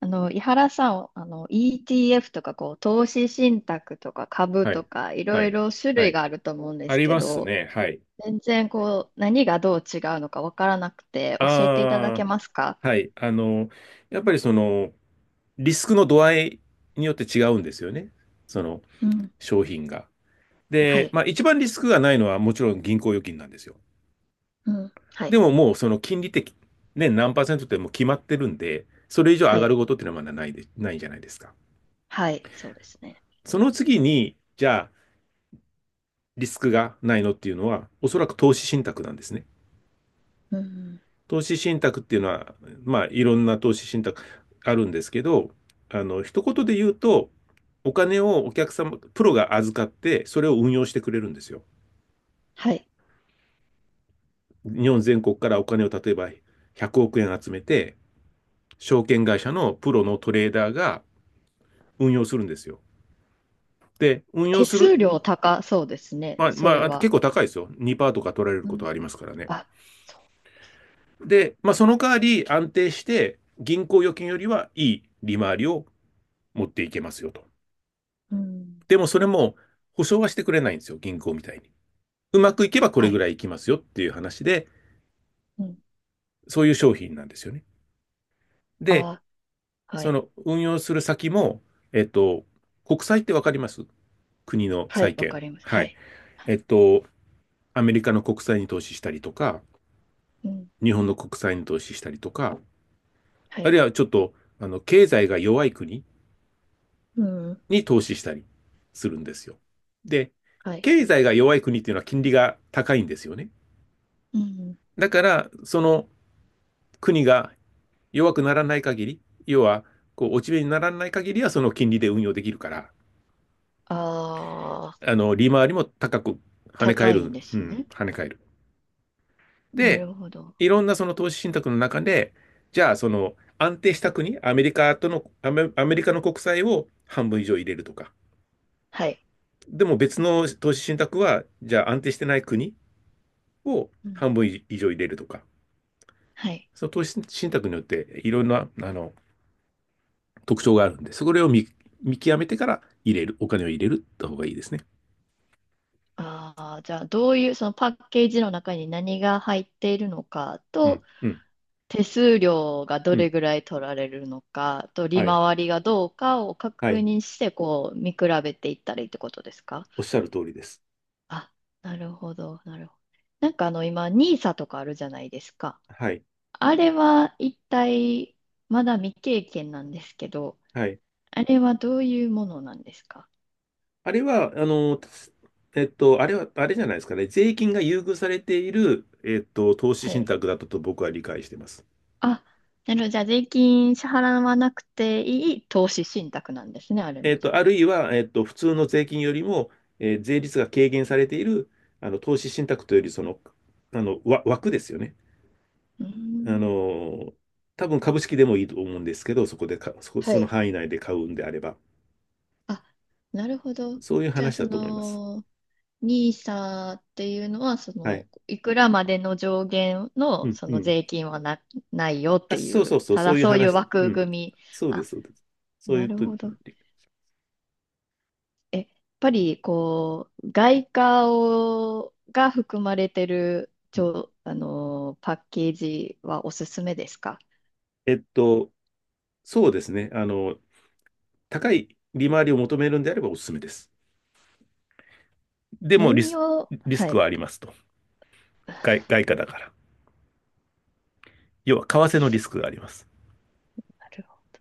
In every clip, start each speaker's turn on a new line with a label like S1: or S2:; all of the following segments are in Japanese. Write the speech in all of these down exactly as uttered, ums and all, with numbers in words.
S1: あの、井原さん、あの、イーティーエフ とか、こう、投資信託とか株
S2: は
S1: と
S2: い。
S1: か、い
S2: は
S1: ろい
S2: い。
S1: ろ種
S2: は
S1: 類
S2: い。
S1: があると思うんで
S2: あ
S1: す
S2: り
S1: け
S2: ます
S1: ど、
S2: ね。はい。
S1: 全然、こう、何がどう違うのかわからなくて、教えていただけ
S2: あ
S1: ますか？
S2: あ、はい。あの、やっぱりその、リスクの度合いによって違うんですよね。その、
S1: うん。
S2: 商品が。
S1: は
S2: で、
S1: い。
S2: まあ一番リスクがないのはもちろん銀行預金なんですよ。
S1: うん。は
S2: で
S1: い。
S2: ももうその金利的、ね、何パーセントってもう決まってるんで、それ以上上
S1: は
S2: がる
S1: い。
S2: ことっていうのはまだないで、ないじゃないですか。
S1: はい。そうですね。
S2: その次に、じゃあ、リスクがないのっていうのは、おそらく投資信託なんですね。
S1: うん。
S2: 投資信託っていうのは、まあ、いろんな投資信託あるんですけど、あの、一言で言うと、お金をお客様、プロが預かって、それを運用してくれるんですよ。
S1: はい。
S2: 日本全国からお金を例えばひゃくおく円集めて、証券会社のプロのトレーダーが運用するんですよ。で、運用
S1: 手
S2: する、
S1: 数料高そうですね、
S2: まあ、
S1: それ
S2: まあ、結
S1: は。
S2: 構高いですよ。にパーセントとか取られる
S1: う
S2: こと
S1: ん。
S2: はありますからね。
S1: あ、そうです。
S2: で、まあ、その代わり安定して、銀行預金よりはいい利回りを持っていけますよと。
S1: うん。
S2: でもそれも保証はしてくれないんですよ、銀行みたいに。うまくいけばこれ
S1: は
S2: ぐ
S1: い。
S2: らいいきますよっていう話で、
S1: うん。
S2: そういう商品なんですよね。で、
S1: あ、は
S2: そ
S1: い。
S2: の運用する先も、えっと、国債ってわかります？国の
S1: はい。
S2: 債
S1: わ
S2: 券。
S1: かります。
S2: は
S1: は
S2: い。
S1: い。は
S2: え
S1: い。
S2: っと、アメリカの国債に投資したりとか、
S1: うん。
S2: 日本の国債に投資したりとか、
S1: は
S2: あるい
S1: い。
S2: はちょっと、あの、経済が弱い国
S1: うん。
S2: に投資したりするんですよ。で、
S1: はい。
S2: 経済が弱い国っていうのは金利が高いんですよね。
S1: うん。
S2: だから、その国が弱くならない限り、要は、こう、落ち目にならない限りは、その金利で運用できるから、
S1: ああ、
S2: あの、利回りも高く跳ね返
S1: 高いん
S2: る、
S1: で
S2: う
S1: す
S2: ん、
S1: ね。
S2: 跳ね返る。
S1: な
S2: で、
S1: るほど。
S2: いろんなその投資信託の中で、じゃあ、その、安定した国、アメリカとの、アメ、アメリカの国債を半分以上入れるとか、
S1: はい。
S2: でも別の投資信託は、じゃあ安定してない国を
S1: うん。
S2: 半分以上入れるとか、
S1: はい。
S2: その投資信託によっていろんな、あの、特徴があるんで、それを見、見極めてから入れる、お金を入れるった方がいいですね。
S1: ああ、じゃあ、どういう、そのパッケージの中に何が入っているのか
S2: う
S1: と、
S2: ん、うん、
S1: 手数料がど
S2: う
S1: れ
S2: ん。
S1: ぐらい取られるのかと、
S2: は
S1: 利
S2: い、
S1: 回りがどうかを
S2: は
S1: 確
S2: い。
S1: 認して、こう、見比べていったらいいってことですか？
S2: おっしゃる通りです。
S1: あ、なるほど、なるほど。なんかあの、今、ニーサとかあるじゃないですか。
S2: はい、
S1: あれは一体、まだ未経験なんですけど、
S2: はい。
S1: あれはどういうものなんですか？
S2: あれは、あの、たすえっと、あれは、あれじゃないですかね。税金が優遇されている、えっと、投資
S1: は
S2: 信
S1: い。
S2: 託だったと僕は理解しています。
S1: あ、なるほど。じゃあ、税金支払わなくていい投資信託なんですね、あれ
S2: え
S1: も
S2: っ
S1: じゃ
S2: と、
S1: あ。
S2: あるいは、えっと、普通の税金よりも、えー税率が軽減されている、あの、投資信託というより、その、あの、わ枠ですよね。
S1: うー
S2: あ
S1: ん。
S2: の、多分株式でもいいと思うんですけど、そこでか、そこ、
S1: は
S2: その
S1: い。
S2: 範囲内で買うんであれば、
S1: あ、なるほど。
S2: そういう
S1: じゃあ、
S2: 話
S1: そ
S2: だと思います。
S1: の、ニーサっていうのは、そ
S2: はい。
S1: の、いくらまでの上限
S2: う
S1: の、
S2: ん、
S1: そ
S2: う
S1: の
S2: ん。
S1: 税金はな、ないよっ
S2: あ、
S1: てい
S2: そうそ
S1: う、
S2: うそう、
S1: た
S2: そ
S1: だ
S2: ういう
S1: そういう
S2: 話。う
S1: 枠
S2: ん。
S1: 組み。
S2: そうで
S1: あ、
S2: す、そうです。そうい
S1: な
S2: う
S1: る
S2: と、うん
S1: ほど。え、やっぱりこう、外貨をが含まれてる、ちょ、あのー、パッケージはおすすめですか？
S2: えっと、そうですね。あの、高い利回りを求めるんであればおすすめです。でもリ
S1: 何
S2: ス、
S1: を、
S2: リス
S1: は
S2: ク
S1: い。
S2: はありますと。外、外貨だから。要は、為替のリスクがあります。
S1: なるほど。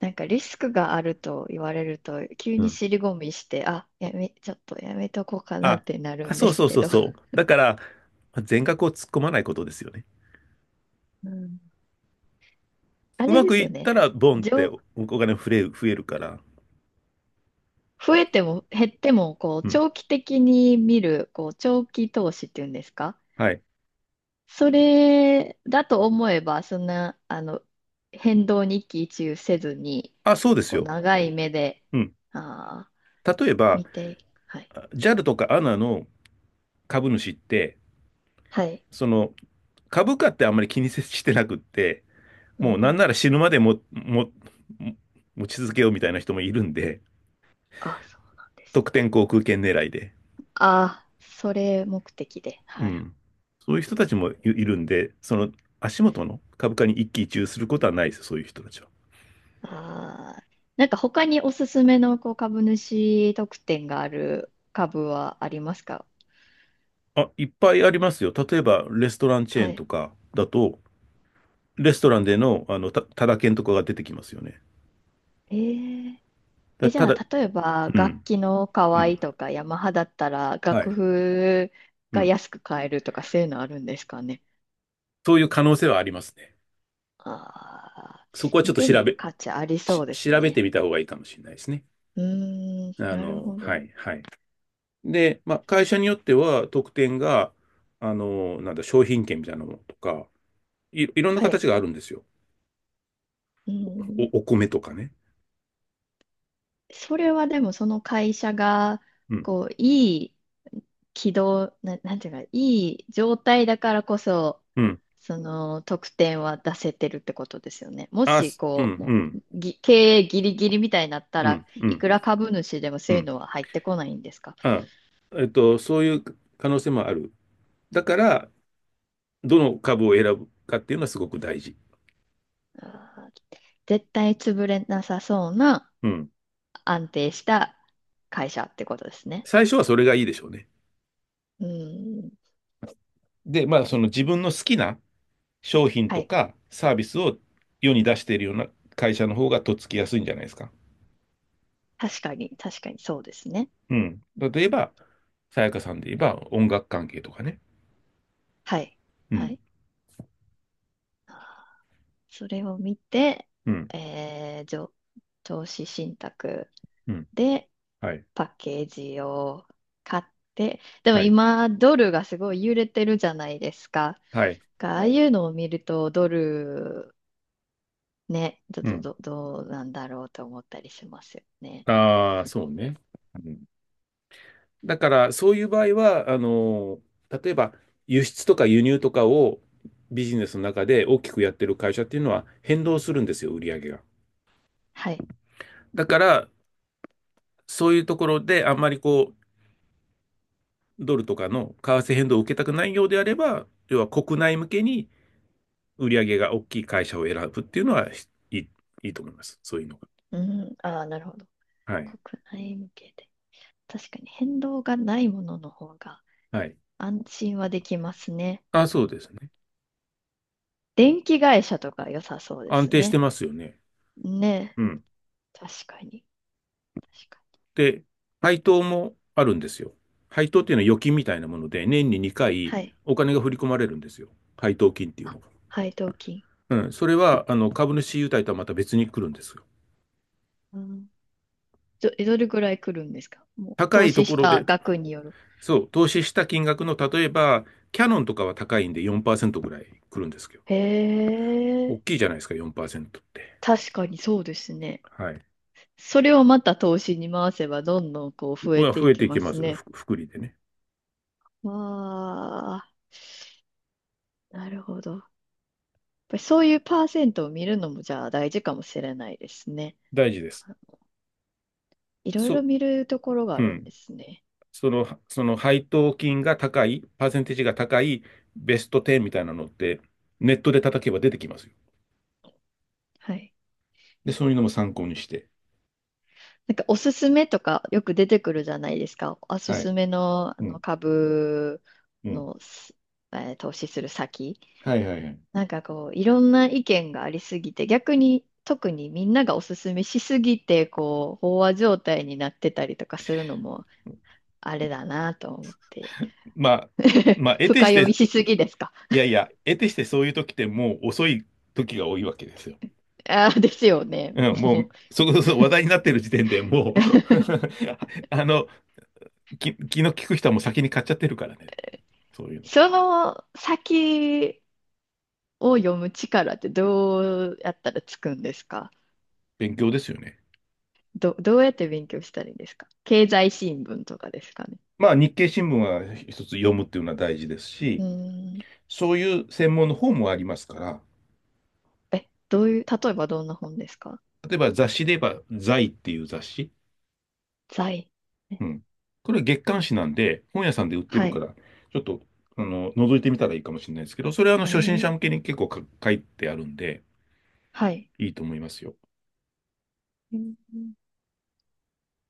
S1: なんかリスクがあると言われると、急
S2: う
S1: に
S2: ん。
S1: 尻込みして、あ、やめ、ちょっとやめとこうかな
S2: あ、
S1: ってなる
S2: あ、
S1: んで
S2: そう
S1: す
S2: そう
S1: け
S2: そう
S1: ど。
S2: そう。だから、全額を突っ込まないことですよね。
S1: うん。あ
S2: う
S1: れ
S2: ま
S1: で
S2: く
S1: す
S2: い
S1: よ
S2: った
S1: ね。
S2: ら、ボンって
S1: 上、
S2: おお金増え、増えるから。
S1: 増えても減っても、こう、
S2: うん。
S1: 長期的に見る、こう、長期投資っていうんですか？
S2: はい。
S1: それだと思えば、そんな、あの、変動に一喜一憂せずに、
S2: あ、そうです
S1: こう、
S2: よ。
S1: 長い目で、
S2: うん。
S1: ああ、
S2: 例えば、
S1: 見て、はい。
S2: あ ジャル とか エーエヌエー の株主って、
S1: はい。
S2: その、株価ってあんまり気にせしてなくって、
S1: う
S2: もうなん
S1: ん。
S2: なら死ぬまでも、も、持ち続けようみたいな人もいるんで、
S1: あ、そうなんで
S2: 得
S1: す。
S2: 点航空券狙いで。
S1: ああ、それ目的で、
S2: う
S1: はい。
S2: ん。そういう人たちもいいるんで、その足元の株価に一喜一憂することはないですよ、そういう人たちは。
S1: ああ、なんか他におすすめの、こう、株主特典がある株はありますか？
S2: あ、いっぱいありますよ。例えば、レストランチェー
S1: は
S2: ンと
S1: い。
S2: かだと、レストランでの、あの、た、タダ券とかが出てきますよね。
S1: えええ、
S2: だ、
S1: じ
S2: た
S1: ゃあ、
S2: だ、
S1: 例えば、
S2: う
S1: 楽
S2: ん、
S1: 器の可
S2: う
S1: 愛
S2: ん、
S1: いとか、ヤマハだったら、
S2: は
S1: 楽
S2: い、
S1: 譜
S2: う
S1: が
S2: ん。
S1: 安く買えるとか、そういうのあるんですかね。
S2: そういう可能性はありますね。
S1: ああ、
S2: そこはちょ
S1: 見
S2: っと
S1: て
S2: 調
S1: みる
S2: べ、
S1: 価値ありそ
S2: し、
S1: うです
S2: 調べて
S1: ね。
S2: みた方がいいかもしれないですね。
S1: うーん、
S2: あ
S1: なる
S2: の、
S1: ほ
S2: は
S1: ど。
S2: いはい。で、まあ、会社によっては特典が、あの、なんだ、商品券みたいなものとか、い、いろんな
S1: は
S2: 形
S1: い。
S2: があるんですよ。
S1: うん、
S2: お、お米とかね。
S1: それはでも、その会社が、
S2: うん、
S1: こう、いい軌道、な、なんていうか、いい状態だからこそ、
S2: うん。
S1: その得点は出せてるってことですよね。も
S2: あ、
S1: し、
S2: すう
S1: こう、もう、
S2: ん、
S1: ぎ経営ギリギリみたいになった
S2: うん、う
S1: ら
S2: ん、う
S1: い
S2: ん、
S1: くら株主でもそ
S2: う
S1: ういう
S2: ん、
S1: のは入ってこないんですか？
S2: あ、えっと、そういう可能性もある。だから、どの株を選ぶかっていうのはすごく大事。
S1: あー絶対潰れなさそうな
S2: うん。
S1: 安定した会社ってことですね。
S2: 最初はそれがいいでしょうね。
S1: うん。
S2: で、まあ、その自分の好きな商品
S1: は
S2: と
S1: い。
S2: かサービスを世に出しているような会社の方がとっつきやすいんじゃないですか。
S1: 確かに、確かにそうですね。
S2: うん。例え
S1: 確かに。
S2: ば、さやかさんで言えば音楽関係とかね。
S1: はい。
S2: う
S1: は
S2: ん。
S1: い。それを見て、
S2: うん。
S1: えー、上、投資信託。
S2: うん。
S1: で、
S2: はい。
S1: パッケージを買って、でも
S2: はい。
S1: 今、ドルがすごい揺れてるじゃないですか。
S2: はい。
S1: がああいうのを見ると、ドル、ね、ど、
S2: う
S1: と
S2: ん。
S1: どどうなんだろうと思ったりしますよね。
S2: ああ、そうね。うん、だから、そういう場合は、あのー、例えば、輸出とか輸入とかをビジネスの中で大きくやってる会社っていうのは変動するんですよ、売り上げが。
S1: はい。
S2: だから、そういうところであんまりこう、ドルとかの為替変動を受けたくないようであれば、要は国内向けに売り上げが大きい会社を選ぶっていうのは、いい、いいと思います。そういうのが。
S1: うん、ああ、なるほど。
S2: はい。
S1: 国内向けで。確かに変動がないものの方が
S2: はい。
S1: 安心はできますね。
S2: あ、そうですね。
S1: 電気会社とか良さそうで
S2: 安
S1: す
S2: 定して
S1: ね。
S2: ますよね。
S1: ね、
S2: うん。
S1: 確かに。確かに。
S2: で、配当もあるんですよ。配当っていうのは預金みたいなもので、年ににかい
S1: はい。
S2: お金が振り込まれるんですよ。配当金っていう
S1: あ、
S2: のが。
S1: 配当金。
S2: うん。それは、あの、株主優待とはまた別に来るんですよ。
S1: うん。ど、え、どれぐらい来るんですか？もう、
S2: 高
S1: 投
S2: いと
S1: 資
S2: こ
S1: し
S2: ろ
S1: た
S2: で、
S1: 額による。
S2: そう、投資した金額の、例えば、キャノンとかは高いんでよんパーセントぐらい来るんですけど、
S1: へえ、
S2: 大きいじゃないですか、よんパーセントって。
S1: 確かにそうですね。
S2: はい。
S1: それをまた投資に回せば、どんどんこう増え
S2: は
S1: て
S2: 増
S1: い
S2: え
S1: き
S2: てい
S1: ま
S2: きま
S1: す
S2: す。ふ
S1: ね。
S2: 福利でね。
S1: わあ、なるほど。やっぱりそういうパーセントを見るのも、じゃあ大事かもしれないですね。
S2: 大事です。
S1: いろいろ
S2: そ、
S1: 見るところがあ
S2: う
S1: るんで
S2: ん。
S1: すね。
S2: その、その配当金が高い、パーセンテージが高いベストテンみたいなのって、ネットで叩けば出てきますよ。
S1: はい。
S2: で、そういうのも参考にして。
S1: なんかおすすめとかよく出てくるじゃないですか。おす
S2: はい。
S1: すめの、あ
S2: う
S1: の
S2: ん。
S1: 株
S2: うん。
S1: の、すえー投資する先。
S2: はいはいはい。
S1: なんかこう、いろんな意見がありすぎて、逆に特にみんながおすすめしすぎて、こう、飽和状態になってたりとかするのも、あれだなと思って。
S2: まあ、まあ、得て
S1: 深
S2: し
S1: 読み
S2: て、
S1: しすぎですか。
S2: いやいや、得てしてそういう時ってもう遅い時が多いわけですよ。
S1: ああ、ですよね。
S2: うん、も
S1: もう。
S2: う、そこそこ話題になってる時点でもう あの、き、気の利く人はもう先に買っちゃってるからね。そういうの。
S1: その先を読む力ってどうやったらつくんですか？
S2: 勉強ですよね。
S1: ど、どうやって勉強したらいいんですか？経済新聞とかですかね。
S2: まあ、日経新聞は一つ読むっていうのは大事です
S1: う
S2: し、
S1: ーん。
S2: そういう専門の本もありますから、
S1: え、どういう、例えばどんな本ですか？
S2: 例えば雑誌で言えば、財っていう雑誌。
S1: 財。え、
S2: うん。これ月刊誌なんで、本屋さんで売って
S1: は
S2: るか
S1: い。
S2: ら、ちょっと、あの、覗いてみたらいいかもしれないですけど、それはあの、
S1: あ、え
S2: 初心者向け
S1: ー
S2: に結構か書いてあるんで、
S1: はい。
S2: いいと思いますよ。
S1: うん。やっ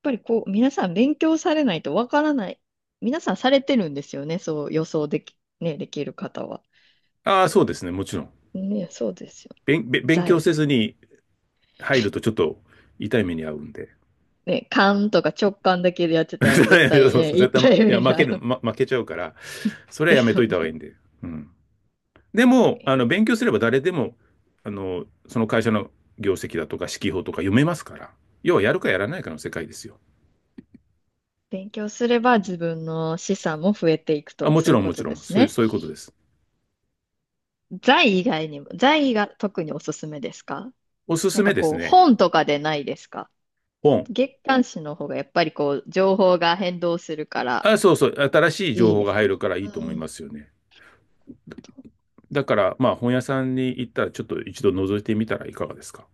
S1: ぱりこう、皆さん勉強されないとわからない。皆さんされてるんですよね。そう予想でき、ね、できる方は。
S2: ああ、そうですね、もちろん。
S1: ね、そうですよ。
S2: 勉、べ勉強
S1: 在。
S2: せずに入るとちょっと痛い目に遭うんで。
S1: ね、勘とか直感だけでやって たら
S2: 絶
S1: 絶対、ね、一
S2: 対、い
S1: 体
S2: や、
S1: 目に
S2: 負
S1: 遭
S2: ける、
S1: う。
S2: ま負けちゃうから、そ れは
S1: で
S2: やめ
S1: す
S2: と
S1: よ
S2: いた方がいい
S1: ね。
S2: んで。うん。でも、あの、勉強すれば誰でも、あの、その会社の業績だとか、指揮法とか読めますから。要はやるかやらないかの世界ですよ。
S1: 勉強すれば自分の資産も増えていく
S2: あ、
S1: と、
S2: もち
S1: そうい
S2: ろ
S1: う
S2: ん
S1: こ
S2: もち
S1: と
S2: ろ
S1: で
S2: ん。
S1: す
S2: そういう、
S1: ね。
S2: そういうことです。
S1: 財以外にも、財が特におすすめですか？
S2: おす
S1: な
S2: す
S1: んか
S2: めです
S1: こう、
S2: ね。
S1: 本とかでないですか？
S2: 本。
S1: 月刊誌の方がやっぱりこう、情報が変動するから
S2: あ、そうそう。新しい情
S1: いいん
S2: 報
S1: で
S2: が
S1: す
S2: 入
S1: かね。
S2: るからい
S1: う
S2: いと思い
S1: ーん
S2: ますよね。
S1: と、
S2: だから、まあ、本屋さんに行ったら、ちょっと一度覗いてみたらいかがですか。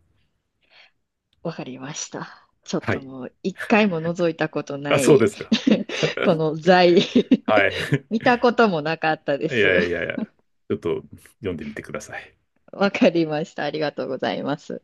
S1: わかりました。ちょっ
S2: は
S1: と
S2: い。
S1: もう、一回も覗いたこと
S2: あ、
S1: な
S2: そうで
S1: い。
S2: すか。
S1: この財。
S2: はい。
S1: 見 たこともなかったで
S2: い
S1: す。
S2: やいやいや、ちょっと読んでみてください。
S1: わかりました。ありがとうございます。